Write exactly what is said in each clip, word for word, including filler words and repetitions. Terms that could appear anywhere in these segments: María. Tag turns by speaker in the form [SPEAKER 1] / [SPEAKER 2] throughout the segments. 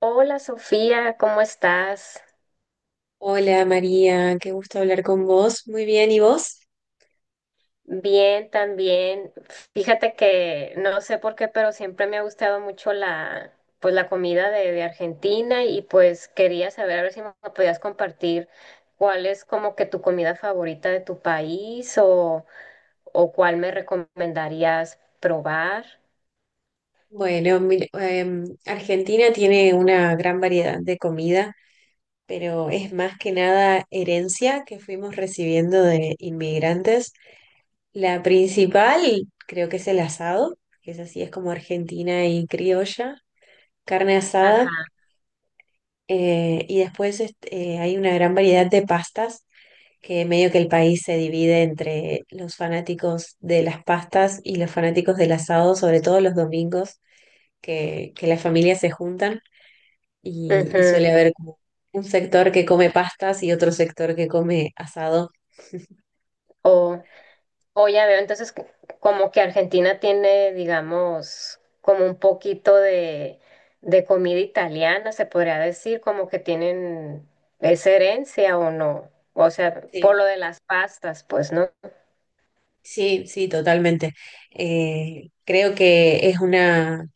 [SPEAKER 1] Hola Sofía, ¿cómo estás?
[SPEAKER 2] Hola María, qué gusto hablar con vos. Muy bien, ¿y vos?
[SPEAKER 1] Bien, también. Fíjate que no sé por qué, pero siempre me ha gustado mucho la, pues la comida de, de Argentina y pues quería saber a ver si me podías compartir cuál es como que tu comida favorita de tu país o, o cuál me recomendarías probar.
[SPEAKER 2] Bueno, mira, em, Argentina tiene una gran variedad de comida, pero es más que nada herencia que fuimos recibiendo de inmigrantes. La principal creo que es el asado, que es así, es como argentina y criolla, carne asada.
[SPEAKER 1] Ajá.
[SPEAKER 2] Eh, y después este, eh, hay una gran variedad de pastas, que medio que el país se divide entre los fanáticos de las pastas y los fanáticos del asado, sobre todo los domingos, que, que las familias se juntan y, y suele haber como un sector que come pastas y otro sector que come asado.
[SPEAKER 1] ujú, O ya veo, entonces c- como que Argentina tiene, digamos, como un poquito de, de comida italiana, se podría decir, como que tienen esa herencia o no. O sea, por
[SPEAKER 2] Sí,
[SPEAKER 1] lo de las pastas, pues, ¿no?
[SPEAKER 2] sí, sí, totalmente. Eh, creo que es una,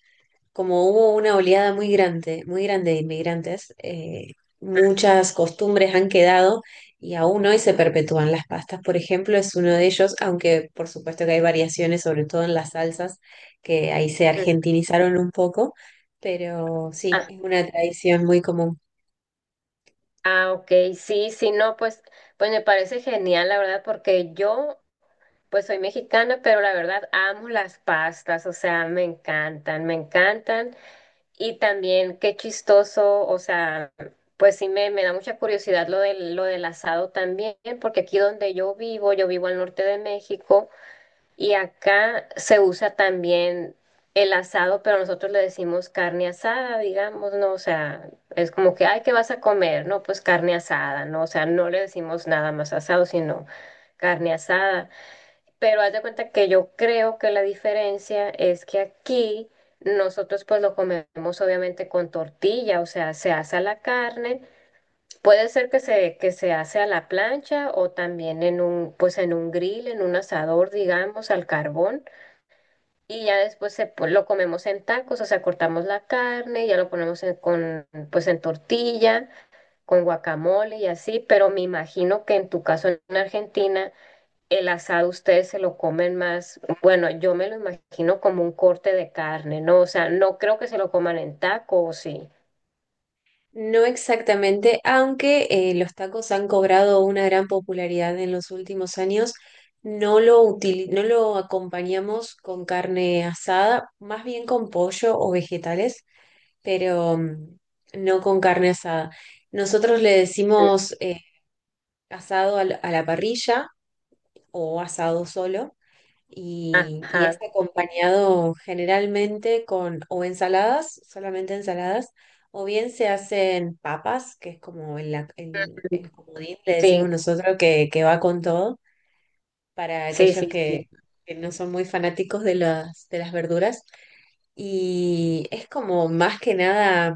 [SPEAKER 2] como hubo una oleada muy grande, muy grande de inmigrantes, eh, muchas costumbres han quedado y aún hoy se perpetúan. Las pastas, por ejemplo, es uno de ellos, aunque por supuesto que hay variaciones, sobre todo en las salsas, que ahí se
[SPEAKER 1] Mm.
[SPEAKER 2] argentinizaron un poco, pero sí,
[SPEAKER 1] Ah,
[SPEAKER 2] es una tradición muy común.
[SPEAKER 1] ah, ok, sí, sí, no, pues, pues me parece genial, la verdad, porque yo, pues soy mexicana, pero la verdad amo las pastas, o sea, me encantan, me encantan. Y también qué chistoso, o sea, pues sí me, me da mucha curiosidad lo del, lo del asado también, porque aquí donde yo vivo, yo vivo al norte de México y acá se usa también el asado, pero nosotros le decimos carne asada, digamos, ¿no? O sea, es como que, ay, ¿qué vas a comer? No, pues carne asada, ¿no? O sea, no le decimos nada más asado, sino carne asada. Pero haz de cuenta que yo creo que la diferencia es que aquí nosotros pues lo comemos obviamente con tortilla, o sea, se asa la carne. Puede ser que se, que se hace a la plancha o también en un, pues en un grill, en un asador, digamos, al carbón. Y ya después se, po- lo comemos en tacos, o sea, cortamos la carne, ya lo ponemos en- con, pues en tortilla, con guacamole y así. Pero me imagino que en tu caso en Argentina el asado ustedes se lo comen más, bueno, yo me lo imagino como un corte de carne, ¿no? O sea, no creo que se lo coman en taco, ¿o sí?
[SPEAKER 2] No exactamente, aunque eh, los tacos han cobrado una gran popularidad en los últimos años, no lo utili- no lo acompañamos con carne asada, más bien con pollo o vegetales, pero mm, no con carne asada. Nosotros le
[SPEAKER 1] Mm,
[SPEAKER 2] decimos eh, asado al- a la parrilla o asado solo y, y es
[SPEAKER 1] ajá.
[SPEAKER 2] acompañado generalmente con o ensaladas, solamente ensaladas, o bien se hacen papas, que es como el, la- el,
[SPEAKER 1] Mm,
[SPEAKER 2] el comodín, le decimos
[SPEAKER 1] sí,
[SPEAKER 2] nosotros que, que va con todo, para
[SPEAKER 1] sí,
[SPEAKER 2] aquellos
[SPEAKER 1] sí, sí.
[SPEAKER 2] que, que no son muy fanáticos de las, de las verduras. Y es como más que nada,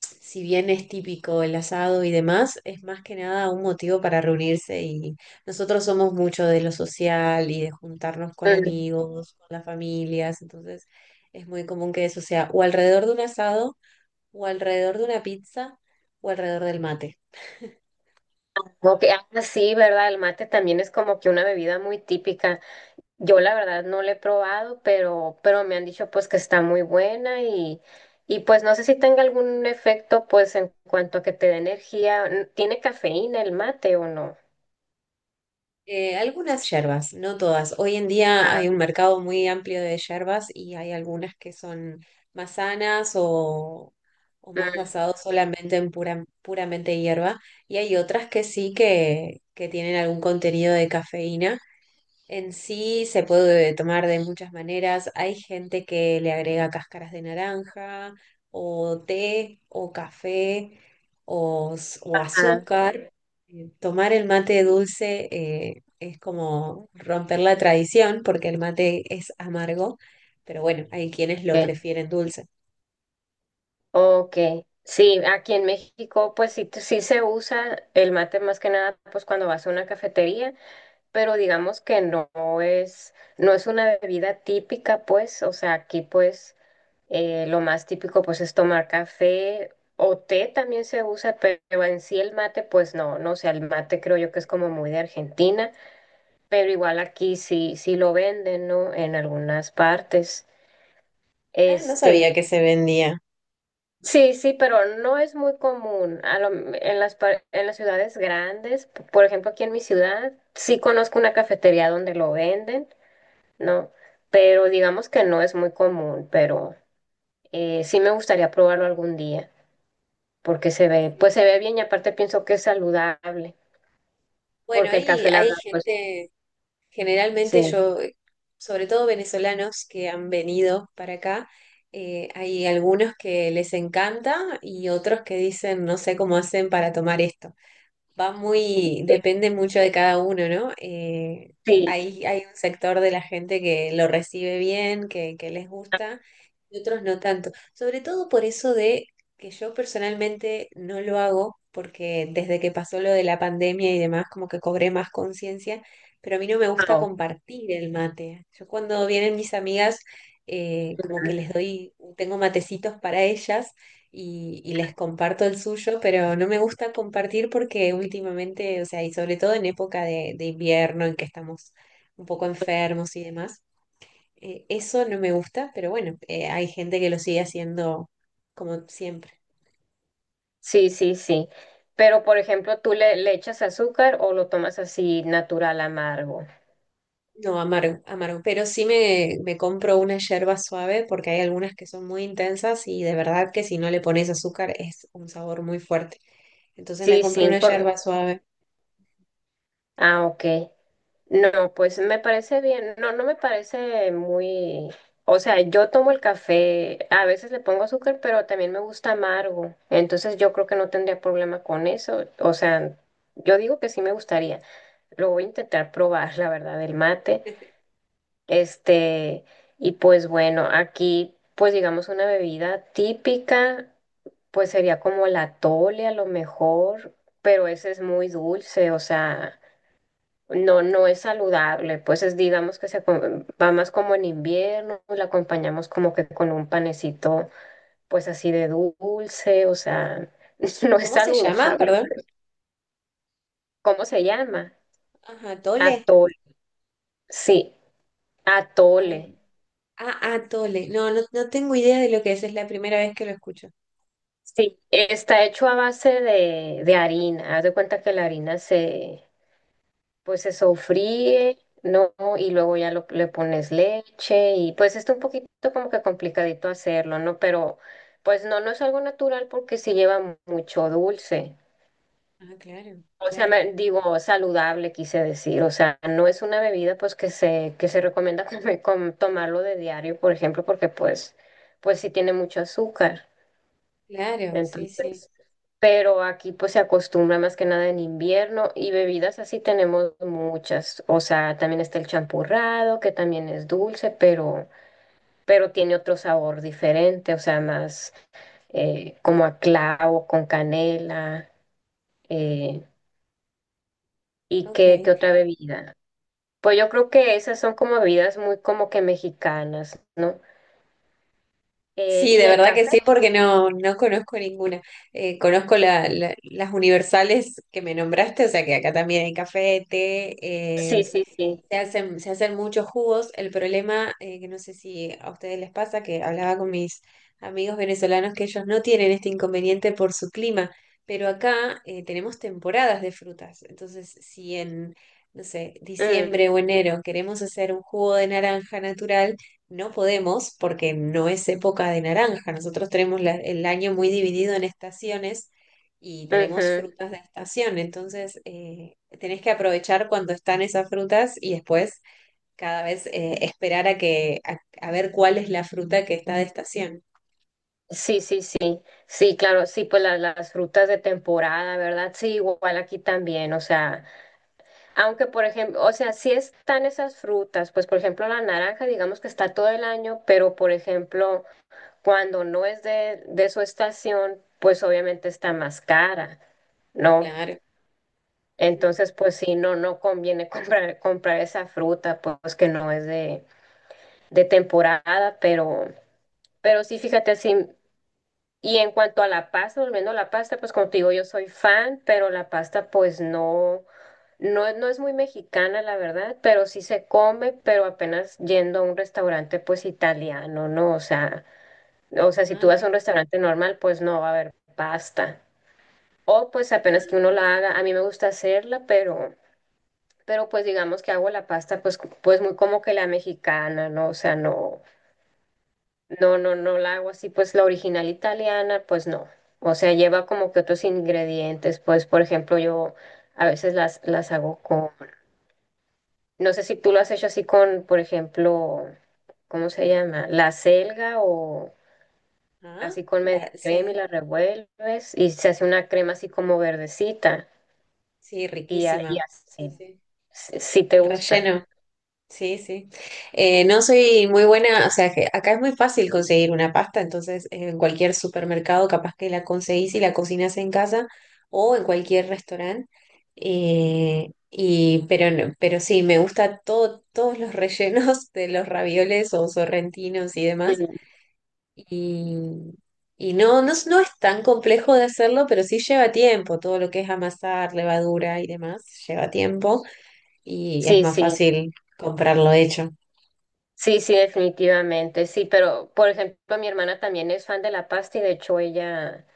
[SPEAKER 2] si bien es típico el asado y demás, es más que nada un motivo para reunirse, y nosotros somos mucho de lo social y de juntarnos con
[SPEAKER 1] Mm,
[SPEAKER 2] amigos, con las familias. Entonces es muy común que eso sea o alrededor de un asado, o alrededor de una pizza, o alrededor del mate.
[SPEAKER 1] ok, ah, sí, ¿verdad? El mate también es como que una bebida muy típica. Yo la verdad no la he probado, pero, pero me han dicho pues que está muy buena y, y pues no sé si tenga algún efecto pues en cuanto a que te dé energía. ¿Tiene cafeína el mate o no?
[SPEAKER 2] Eh, algunas yerbas, no todas. Hoy en día
[SPEAKER 1] Ah,
[SPEAKER 2] hay un mercado muy amplio de yerbas y hay algunas que son más sanas o, o más
[SPEAKER 1] mm,
[SPEAKER 2] basados solamente en pura, puramente hierba, y hay otras que sí, que, que tienen algún contenido de cafeína. En sí se puede tomar de muchas maneras. Hay gente que le agrega cáscaras de naranja, o té, o café, o, s- o
[SPEAKER 1] ah,
[SPEAKER 2] azúcar. Eh, Tomar el mate dulce eh, es como romper la tradición, porque el mate es amargo, pero bueno, hay quienes lo
[SPEAKER 1] ok.
[SPEAKER 2] prefieren dulce.
[SPEAKER 1] Ok, sí, aquí en México pues sí, sí se usa el mate más que nada pues cuando vas a una cafetería, pero digamos que no es, no es una bebida típica pues, o sea, aquí pues eh, lo más típico pues es tomar café o té también se usa, pero en sí el mate pues no, no, o sea, el mate creo yo que es como muy de Argentina, pero igual aquí sí, sí lo venden, ¿no? En algunas partes.
[SPEAKER 2] Ah, no sabía
[SPEAKER 1] Este,
[SPEAKER 2] que se vendía.
[SPEAKER 1] Sí, sí, pero no es muy común. A lo- en las, par- en las ciudades grandes, p- por ejemplo, aquí en mi ciudad, sí conozco una cafetería donde lo venden, ¿no? Pero digamos que no es muy común, pero eh, sí me gustaría probarlo algún día, porque se ve, pues
[SPEAKER 2] Sí.
[SPEAKER 1] se ve bien y aparte pienso que es saludable,
[SPEAKER 2] Bueno,
[SPEAKER 1] porque el
[SPEAKER 2] hay,
[SPEAKER 1] café, la
[SPEAKER 2] hay
[SPEAKER 1] verdad, pues
[SPEAKER 2] gente. Generalmente
[SPEAKER 1] sí,
[SPEAKER 2] yo, eh, sobre todo venezolanos que han venido para acá, eh, hay algunos que les encanta y otros que dicen, no sé cómo hacen para tomar esto. Va muy,
[SPEAKER 1] sí,
[SPEAKER 2] depende mucho de cada uno, ¿no? Eh,
[SPEAKER 1] sí,
[SPEAKER 2] hay, hay un sector de la gente que lo recibe bien, que, que les gusta, y otros no tanto. Sobre todo por eso de que yo personalmente no lo hago, porque desde que pasó lo de la pandemia y demás, como que cobré más conciencia, pero a mí no me gusta
[SPEAKER 1] ahora,
[SPEAKER 2] compartir el mate. Yo cuando vienen mis amigas, eh, como que les doy, tengo matecitos para ellas y, y les comparto el suyo, pero no me gusta compartir porque últimamente, o sea, y sobre todo en época de, de invierno en que estamos un poco enfermos y demás, eh, eso no me gusta, pero bueno, eh, hay gente que lo sigue haciendo como siempre.
[SPEAKER 1] sí, sí, sí. Pero, por ejemplo, ¿tú le, le echas azúcar o lo tomas así natural, amargo?
[SPEAKER 2] No, amargo, amargo, pero sí me, me compro una yerba suave porque hay algunas que son muy intensas y de verdad que si no le pones azúcar es un sabor muy fuerte. Entonces me
[SPEAKER 1] Sí,
[SPEAKER 2] compro
[SPEAKER 1] sí,
[SPEAKER 2] una
[SPEAKER 1] por.
[SPEAKER 2] yerba suave.
[SPEAKER 1] Ah, ok. No, pues me parece bien. No, no me parece muy... O sea, yo tomo el café, a veces le pongo azúcar, pero también me gusta amargo. Entonces yo creo que no tendría problema con eso. O sea, yo digo que sí me gustaría. Lo voy a intentar probar, la verdad, el mate. Este, y pues bueno, aquí, pues digamos una bebida típica. Pues sería como la tole a lo mejor, pero ese es muy dulce, o sea, no, no es saludable, pues es, digamos que se co- va más como en invierno, la acompañamos como que con un panecito, pues así de dulce, o sea, no es
[SPEAKER 2] ¿Cómo se llama?
[SPEAKER 1] saludable.
[SPEAKER 2] Perdón.
[SPEAKER 1] ¿Cómo se llama?
[SPEAKER 2] Ajá, tole.
[SPEAKER 1] Atole, sí, atole.
[SPEAKER 2] Ay, ah, atole. No, no, no tengo idea de lo que es. Es la primera vez que lo escucho.
[SPEAKER 1] Sí, está hecho a base de, de harina. Haz de cuenta que la harina se, pues se sofríe, ¿no? Y luego ya lo- le pones leche y pues está un poquito como que complicadito hacerlo, ¿no? Pero pues no, no es algo natural porque sí lleva mucho dulce.
[SPEAKER 2] Ah, claro,
[SPEAKER 1] O sea,
[SPEAKER 2] claro,
[SPEAKER 1] me- digo, saludable quise decir, o sea, no es una bebida pues que se, que se recomienda comer- com- tomarlo de diario, por ejemplo, porque pues, pues, sí tiene mucho azúcar.
[SPEAKER 2] claro, sí, sí.
[SPEAKER 1] Entonces, pero aquí pues se acostumbra más que nada en invierno y bebidas así tenemos muchas. O sea, también está el champurrado, que también es dulce, pero, pero tiene otro sabor diferente, o sea, más eh, como a clavo, con canela. eh, ¿y
[SPEAKER 2] Ok.
[SPEAKER 1] qué, qué otra bebida? Pues yo creo que esas son como bebidas muy como que mexicanas, ¿no? Eh,
[SPEAKER 2] Sí, de
[SPEAKER 1] y el
[SPEAKER 2] verdad que
[SPEAKER 1] café,
[SPEAKER 2] sí, porque no, no conozco ninguna. Eh, conozco la- la- las universales que me nombraste, o sea que acá también hay café, té,
[SPEAKER 1] sí,
[SPEAKER 2] eh.
[SPEAKER 1] sí, sí.
[SPEAKER 2] Se hacen, se hacen muchos jugos. El problema, eh, que no sé si a ustedes les pasa, que hablaba con mis amigos venezolanos que ellos no tienen este inconveniente por su clima, pero acá eh, tenemos temporadas de frutas. Entonces, si en, no sé,
[SPEAKER 1] Mm,
[SPEAKER 2] diciembre o enero queremos hacer un jugo de naranja natural, no podemos porque no es época de naranja. Nosotros tenemos la- el año muy dividido en estaciones y tenemos
[SPEAKER 1] ujú.
[SPEAKER 2] frutas de estación, entonces eh, tenés que aprovechar cuando están esas frutas y después cada vez eh, esperar a que a, a ver cuál es la fruta que está de estación.
[SPEAKER 1] Sí, sí, sí, sí, claro, sí, pues la- las frutas de temporada, ¿verdad? Sí, igual aquí también, o sea, aunque por ejemplo, o sea, sí están esas frutas, pues por ejemplo la naranja, digamos que está todo el año, pero por ejemplo, cuando no es de, de su estación, pues obviamente está más cara, ¿no?
[SPEAKER 2] Claro. Ujú.
[SPEAKER 1] Entonces, pues sí, no, no conviene comprar, comprar esa fruta, pues que no es de, de temporada, pero, pero sí, fíjate, sí. Y en cuanto a la pasta, volviendo a la pasta, pues como te digo, yo soy fan, pero la pasta pues no, no, no es muy mexicana, la verdad, pero sí se come, pero apenas yendo a un restaurante pues italiano, ¿no? O sea, o sea, si tú
[SPEAKER 2] Ah,
[SPEAKER 1] vas a un
[SPEAKER 2] mira.
[SPEAKER 1] restaurante normal, pues no va a haber pasta. O pues apenas que uno
[SPEAKER 2] Ah,
[SPEAKER 1] la haga, a mí me gusta hacerla, pero, pero pues digamos que hago la pasta pues, cu- pues muy como que la mexicana, ¿no? O sea, no. No, no, no la hago así, pues la original italiana, pues no. O sea, lleva como que otros ingredientes, pues por ejemplo, yo a veces las, las hago con, no sé si tú lo has hecho así con, por ejemplo, ¿cómo se llama? La selga o
[SPEAKER 2] ah,
[SPEAKER 1] así con media
[SPEAKER 2] la,
[SPEAKER 1] crema y
[SPEAKER 2] sí,
[SPEAKER 1] la revuelves y se hace una crema así como verdecita
[SPEAKER 2] sí,
[SPEAKER 1] y, a- y
[SPEAKER 2] riquísima. Sí,
[SPEAKER 1] así,
[SPEAKER 2] sí.
[SPEAKER 1] si, si te
[SPEAKER 2] El
[SPEAKER 1] gusta.
[SPEAKER 2] relleno. Sí, sí. Eh, no soy muy buena, o sea, que acá es muy fácil conseguir una pasta, entonces eh, en cualquier supermercado capaz que la conseguís y la cocinas en casa o en cualquier restaurante. Eh, y, pero, no- pero sí, me gusta todo, todos los rellenos de los ravioles o sorrentinos y demás.
[SPEAKER 1] Mm,
[SPEAKER 2] Y, y no, no, es- no es tan complejo de hacerlo, pero sí lleva tiempo, todo lo que es amasar, levadura y demás, lleva tiempo y es
[SPEAKER 1] sí,
[SPEAKER 2] más
[SPEAKER 1] sí.
[SPEAKER 2] fácil comprarlo hecho.
[SPEAKER 1] Sí, sí, definitivamente, sí, pero por ejemplo, mi hermana también es fan de la pasta y de hecho ella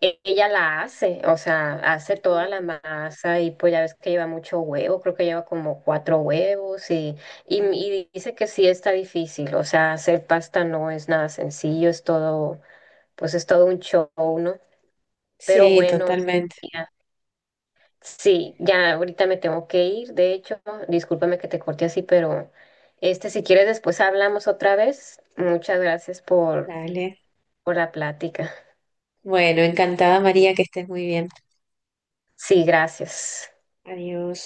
[SPEAKER 1] E- Ella la hace, o sea, hace toda la
[SPEAKER 2] Uh,
[SPEAKER 1] masa y pues ya ves que lleva mucho huevo, creo que lleva como cuatro huevos y, y,
[SPEAKER 2] sí,
[SPEAKER 1] y dice que sí está difícil, o sea, hacer pasta no es nada sencillo, es todo, pues es todo un show, ¿no? Pero
[SPEAKER 2] sí,
[SPEAKER 1] bueno,
[SPEAKER 2] totalmente.
[SPEAKER 1] ya, sí, ya ahorita me tengo que ir, de hecho, discúlpame que te corté así, pero este, si quieres después hablamos otra vez, muchas gracias por,
[SPEAKER 2] Dale.
[SPEAKER 1] por la plática.
[SPEAKER 2] Bueno, encantada María, que estés muy bien.
[SPEAKER 1] Sí, gracias.
[SPEAKER 2] Adiós.